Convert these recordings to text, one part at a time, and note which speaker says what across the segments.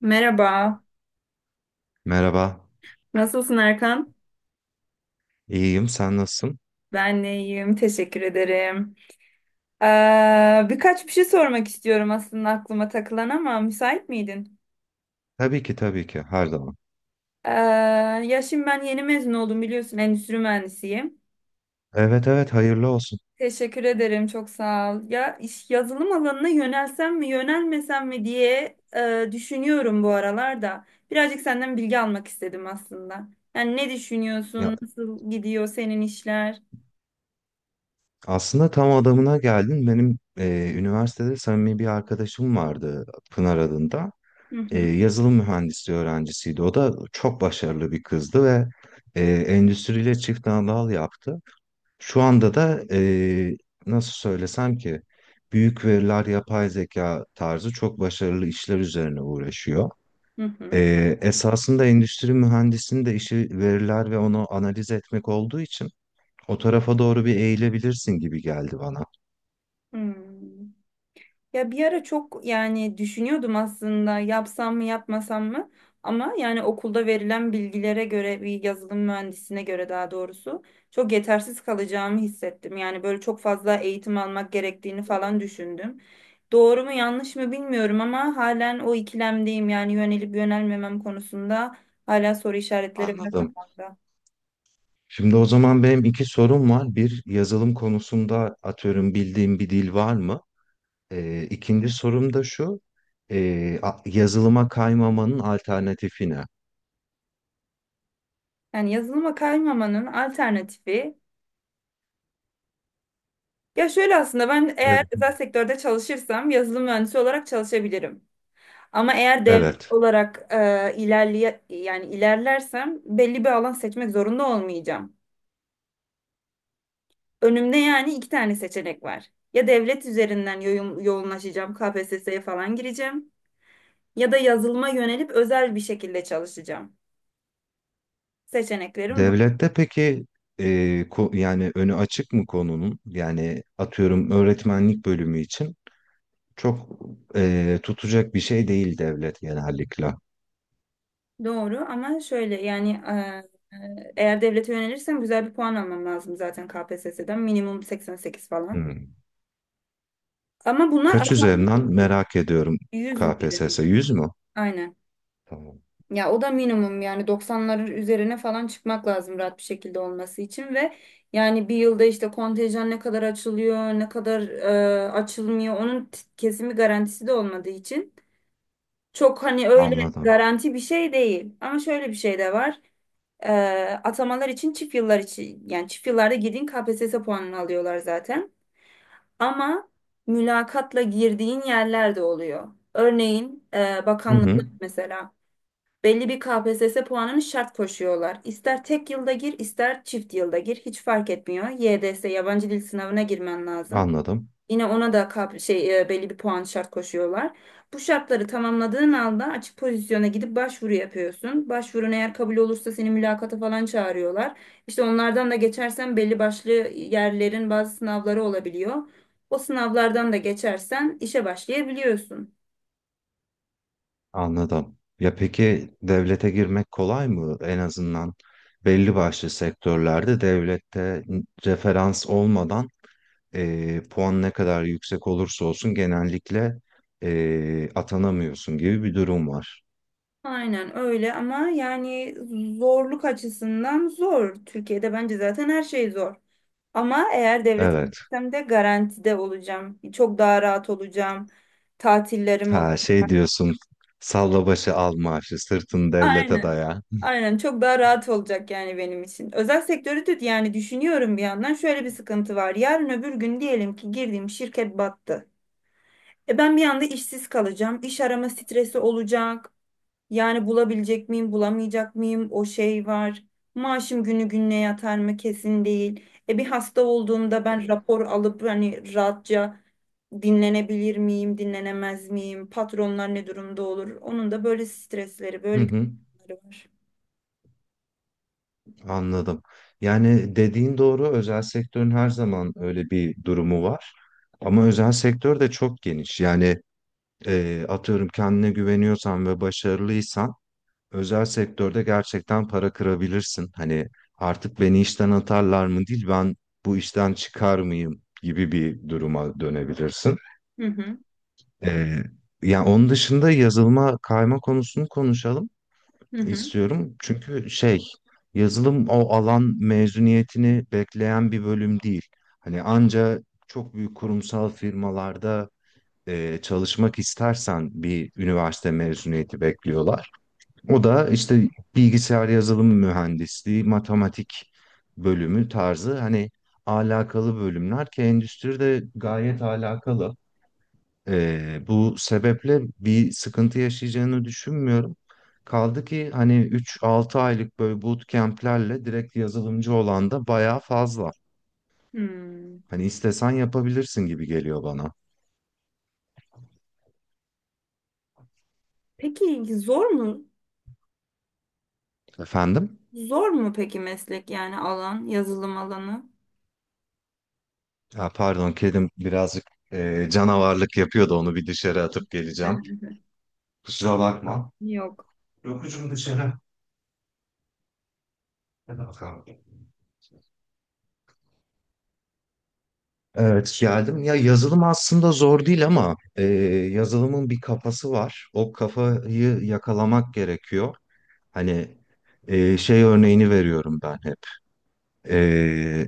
Speaker 1: Merhaba,
Speaker 2: Merhaba,
Speaker 1: nasılsın Erkan?
Speaker 2: iyiyim. Sen nasılsın?
Speaker 1: Ben de iyiyim, teşekkür ederim. Birkaç bir şey sormak istiyorum aslında aklıma takılan ama müsait miydin?
Speaker 2: Tabii ki, tabii ki. Her zaman.
Speaker 1: Ee, Ya şimdi ben yeni mezun oldum biliyorsun, endüstri mühendisiyim.
Speaker 2: Evet, evet. Hayırlı olsun.
Speaker 1: Teşekkür ederim, çok sağ ol. Ya iş yazılım alanına yönelsem mi, yönelmesem mi diye düşünüyorum bu aralarda. Birazcık senden bilgi almak istedim aslında. Yani ne
Speaker 2: Ya
Speaker 1: düşünüyorsun, nasıl gidiyor senin işler?
Speaker 2: aslında tam adamına geldin. Benim üniversitede samimi bir arkadaşım vardı, Pınar adında.
Speaker 1: Hı hı,
Speaker 2: Yazılım mühendisliği öğrencisiydi. O da çok başarılı bir kızdı ve endüstriyle çift dal yaptı. Şu anda da nasıl söylesem ki büyük veriler, yapay zeka tarzı çok başarılı işler üzerine uğraşıyor.
Speaker 1: hı hı.
Speaker 2: Esasında endüstri mühendisinin de işi veriler ve onu analiz etmek olduğu için o tarafa doğru bir eğilebilirsin gibi geldi bana.
Speaker 1: Hmm. Ya bir ara çok yani düşünüyordum aslında yapsam mı yapmasam mı ama yani okulda verilen bilgilere göre bir yazılım mühendisine göre daha doğrusu çok yetersiz kalacağımı hissettim. Yani böyle çok fazla eğitim almak gerektiğini falan düşündüm. Doğru mu yanlış mı bilmiyorum ama halen o ikilemdeyim yani yönelip yönelmemem konusunda hala soru işaretleri bile
Speaker 2: Anladım.
Speaker 1: kafamda.
Speaker 2: Şimdi o zaman benim iki sorum var. Bir, yazılım konusunda atıyorum bildiğim bir dil var mı? İkinci sorum da şu. Yazılıma kaymamanın alternatifi ne?
Speaker 1: Yani yazılıma kaymamanın alternatifi ya şöyle aslında ben
Speaker 2: Ya-
Speaker 1: eğer özel sektörde çalışırsam yazılım mühendisi olarak çalışabilirim. Ama eğer devlet
Speaker 2: evet.
Speaker 1: olarak ilerleye yani ilerlersem belli bir alan seçmek zorunda olmayacağım. Önümde yani iki tane seçenek var. Ya devlet üzerinden yoğunlaşacağım, KPSS'ye falan gireceğim ya da yazılıma yönelip özel bir şekilde çalışacağım. Seçeneklerim bu.
Speaker 2: Devlette peki e, yani önü açık mı konunun? Yani atıyorum öğretmenlik bölümü için çok tutacak bir şey değil devlet genellikle.
Speaker 1: Doğru ama şöyle yani eğer devlete yönelirsem güzel bir puan almam lazım zaten KPSS'den minimum 88 falan.
Speaker 2: Hmm.
Speaker 1: Ama bunlar
Speaker 2: Kaç
Speaker 1: atanmak
Speaker 2: üzerinden
Speaker 1: için
Speaker 2: merak ediyorum.
Speaker 1: 100 üzerinde.
Speaker 2: KPSS 100 mü?
Speaker 1: Aynen.
Speaker 2: Tamam.
Speaker 1: Ya o da minimum yani 90'ların üzerine falan çıkmak lazım rahat bir şekilde olması için ve yani bir yılda işte kontenjan ne kadar açılıyor, ne kadar açılmıyor onun kesimi garantisi de olmadığı için çok hani öyle
Speaker 2: Anladım.
Speaker 1: garanti bir şey değil. Ama şöyle bir şey de var. E, Atamalar için çift yıllar için yani çift yıllarda girdiğin KPSS puanını alıyorlar zaten. Ama mülakatla girdiğin yerler de oluyor. Örneğin
Speaker 2: Hı
Speaker 1: bakanlıklar
Speaker 2: hı,
Speaker 1: mesela belli bir KPSS puanını şart koşuyorlar. İster tek yılda gir, ister çift yılda gir, hiç fark etmiyor. YDS yabancı dil sınavına girmen lazım.
Speaker 2: anladım.
Speaker 1: Yine ona da belli bir puan şart koşuyorlar. Bu şartları tamamladığın anda açık pozisyona gidip başvuru yapıyorsun. Başvurun eğer kabul olursa seni mülakata falan çağırıyorlar. İşte onlardan da geçersen belli başlı yerlerin bazı sınavları olabiliyor. O sınavlardan da geçersen işe başlayabiliyorsun.
Speaker 2: Anladım. Ya peki devlete girmek kolay mı? En azından belli başlı sektörlerde devlette referans olmadan puan ne kadar yüksek olursa olsun genellikle atanamıyorsun gibi bir durum var.
Speaker 1: Aynen öyle ama yani zorluk açısından zor. Türkiye'de bence zaten her şey zor. Ama eğer devlete
Speaker 2: Evet.
Speaker 1: gitsem de garantide olacağım. Çok daha rahat olacağım. Tatillerim olur.
Speaker 2: Ha, şey diyorsun: salla başı al maaşı, sırtını devlete
Speaker 1: Aynen.
Speaker 2: daya.
Speaker 1: Aynen çok daha rahat olacak yani benim için. Özel sektörü de yani düşünüyorum bir yandan şöyle bir sıkıntı var. Yarın öbür gün diyelim ki girdiğim şirket battı. E ben bir anda işsiz kalacağım. İş arama stresi olacak. Yani bulabilecek miyim, bulamayacak mıyım? O şey var. Maaşım günü gününe yatar mı kesin değil. E bir hasta olduğumda ben rapor alıp hani rahatça dinlenebilir miyim, dinlenemez miyim? Patronlar ne durumda olur? Onun da böyle stresleri,
Speaker 2: Hı
Speaker 1: böyle
Speaker 2: hı,
Speaker 1: gündemleri var.
Speaker 2: anladım. Yani dediğin doğru, özel sektörün her zaman öyle bir durumu var. Ama özel sektör de çok geniş. Yani atıyorum kendine güveniyorsan ve başarılıysan özel sektörde gerçekten para kırabilirsin. Hani artık beni işten atarlar mı değil, ben bu işten çıkar mıyım gibi bir duruma dönebilirsin.
Speaker 1: Hı hı.
Speaker 2: Eee yani onun dışında yazılıma kayma konusunu konuşalım
Speaker 1: Hı hı.
Speaker 2: istiyorum. Çünkü şey, yazılım o alan mezuniyetini bekleyen bir bölüm değil. Hani anca çok büyük kurumsal firmalarda çalışmak istersen bir üniversite mezuniyeti bekliyorlar. O da işte bilgisayar yazılım mühendisliği, matematik bölümü tarzı hani alakalı bölümler, ki endüstride gayet alakalı. Bu sebeple bir sıkıntı yaşayacağını düşünmüyorum. Kaldı ki hani 3-6 aylık böyle bootcamp'lerle direkt yazılımcı olan da bayağı fazla.
Speaker 1: Hmm.
Speaker 2: Hani istesen yapabilirsin gibi geliyor bana.
Speaker 1: Peki zor mu?
Speaker 2: Efendim?
Speaker 1: Zor mu peki meslek yani alan, yazılım alanı?
Speaker 2: Ha, pardon, kedim birazcık canavarlık yapıyordu, onu bir dışarı atıp geleceğim. Kusura bakma.
Speaker 1: Yok.
Speaker 2: Yokucum dışarı. Hadi bakalım. Evet, geldim. Ya yazılım aslında zor değil ama yazılımın bir kafası var. O kafayı yakalamak gerekiyor. Hani şey örneğini veriyorum ben hep. E,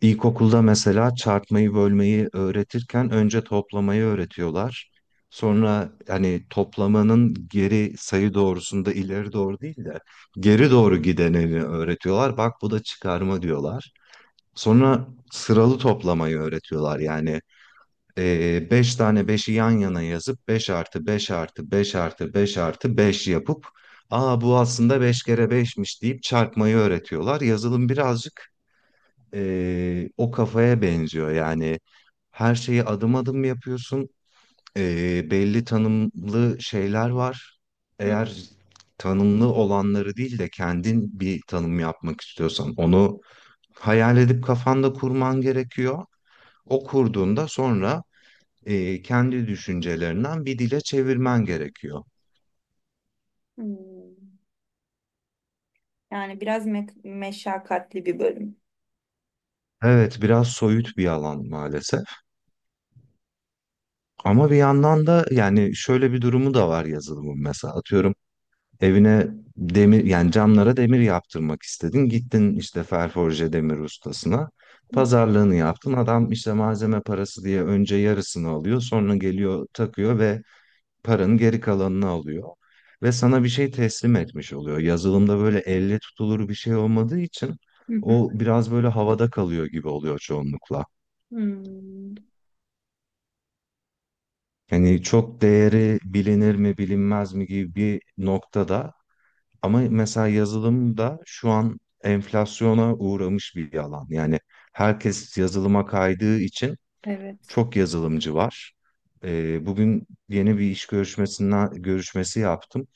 Speaker 2: İlkokulda mesela çarpmayı bölmeyi öğretirken önce toplamayı öğretiyorlar. Sonra hani toplamanın geri sayı doğrusunda ileri doğru değil de geri doğru gideneni öğretiyorlar. Bak, bu da çıkarma diyorlar. Sonra sıralı toplamayı öğretiyorlar. Yani 5 tane beşi yan yana yazıp 5 artı 5 artı 5 artı 5 artı beş yapıp, aa bu aslında 5 kere beşmiş deyip çarpmayı öğretiyorlar. Yazılım birazcık o kafaya benziyor. Yani her şeyi adım adım yapıyorsun. Belli tanımlı şeyler var.
Speaker 1: Hı.
Speaker 2: Eğer tanımlı olanları değil de kendin bir tanım yapmak istiyorsan onu hayal edip kafanda kurman gerekiyor. O kurduğunda sonra kendi düşüncelerinden bir dile çevirmen gerekiyor.
Speaker 1: Hmm. Yani biraz meşakkatli bir bölüm.
Speaker 2: Evet, biraz soyut bir alan maalesef. Ama bir yandan da yani şöyle bir durumu da var yazılımın mesela. Atıyorum, evine demir, yani camlara demir yaptırmak istedin. Gittin işte ferforje demir ustasına. Pazarlığını yaptın. Adam işte malzeme parası diye önce yarısını alıyor. Sonra geliyor takıyor ve paranın geri kalanını alıyor. Ve sana bir şey teslim etmiş oluyor. Yazılımda böyle elle tutulur bir şey olmadığı için
Speaker 1: Hı hı.
Speaker 2: o biraz böyle havada kalıyor gibi oluyor çoğunlukla.
Speaker 1: Hmm,
Speaker 2: Yani çok değeri bilinir mi bilinmez mi gibi bir noktada. Ama mesela yazılım da şu an enflasyona uğramış bir alan. Yani herkes yazılıma kaydığı için
Speaker 1: evet.
Speaker 2: çok yazılımcı var. Bugün yeni bir iş görüşmesi yaptım.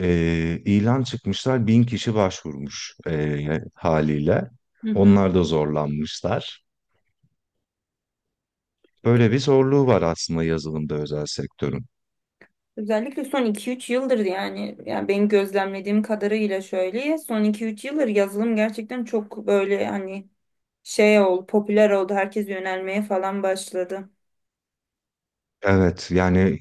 Speaker 2: İlan çıkmışlar, 1.000 kişi başvurmuş haliyle.
Speaker 1: Hı hı.
Speaker 2: Onlar da zorlanmışlar. Böyle bir zorluğu var aslında yazılımda özel sektörün.
Speaker 1: Özellikle son 2-3 yıldır yani benim gözlemlediğim kadarıyla şöyle son 2-3 yıldır yazılım gerçekten çok böyle hani şey oldu, popüler oldu, herkes yönelmeye falan başladı.
Speaker 2: Evet yani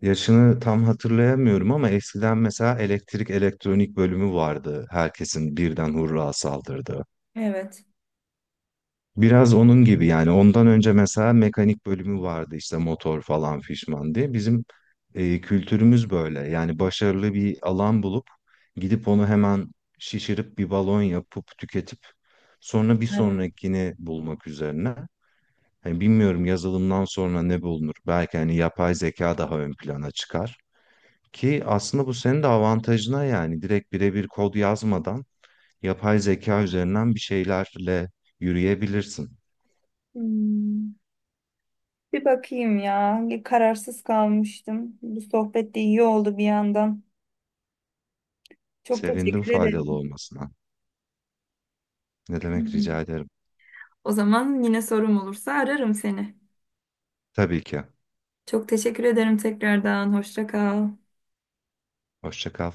Speaker 2: yaşını tam hatırlayamıyorum ama eskiden mesela elektrik elektronik bölümü vardı. Herkesin birden hurra saldırdı.
Speaker 1: Evet.
Speaker 2: Biraz onun gibi, yani ondan önce mesela mekanik bölümü vardı işte motor falan fişman diye. Bizim kültürümüz böyle yani: başarılı bir alan bulup gidip onu hemen şişirip bir balon yapıp tüketip sonra bir
Speaker 1: Evet.
Speaker 2: sonrakini bulmak üzerine. Hani bilmiyorum yazılımdan sonra ne bulunur, belki hani yapay zeka daha ön plana çıkar. Ki aslında bu senin de avantajına, yani direkt birebir kod yazmadan yapay zeka üzerinden bir şeylerle yürüyebilirsin.
Speaker 1: Hmm, bir bakayım ya, kararsız kalmıştım. Bu sohbet de iyi oldu bir yandan. Çok
Speaker 2: Sevindim
Speaker 1: teşekkür
Speaker 2: faydalı
Speaker 1: ederim.
Speaker 2: olmasına. Ne demek, rica
Speaker 1: Hmm.
Speaker 2: ederim.
Speaker 1: O zaman yine sorum olursa ararım seni.
Speaker 2: Tabii ki.
Speaker 1: Çok teşekkür ederim tekrardan. Hoşça kal.
Speaker 2: Hoşça kal.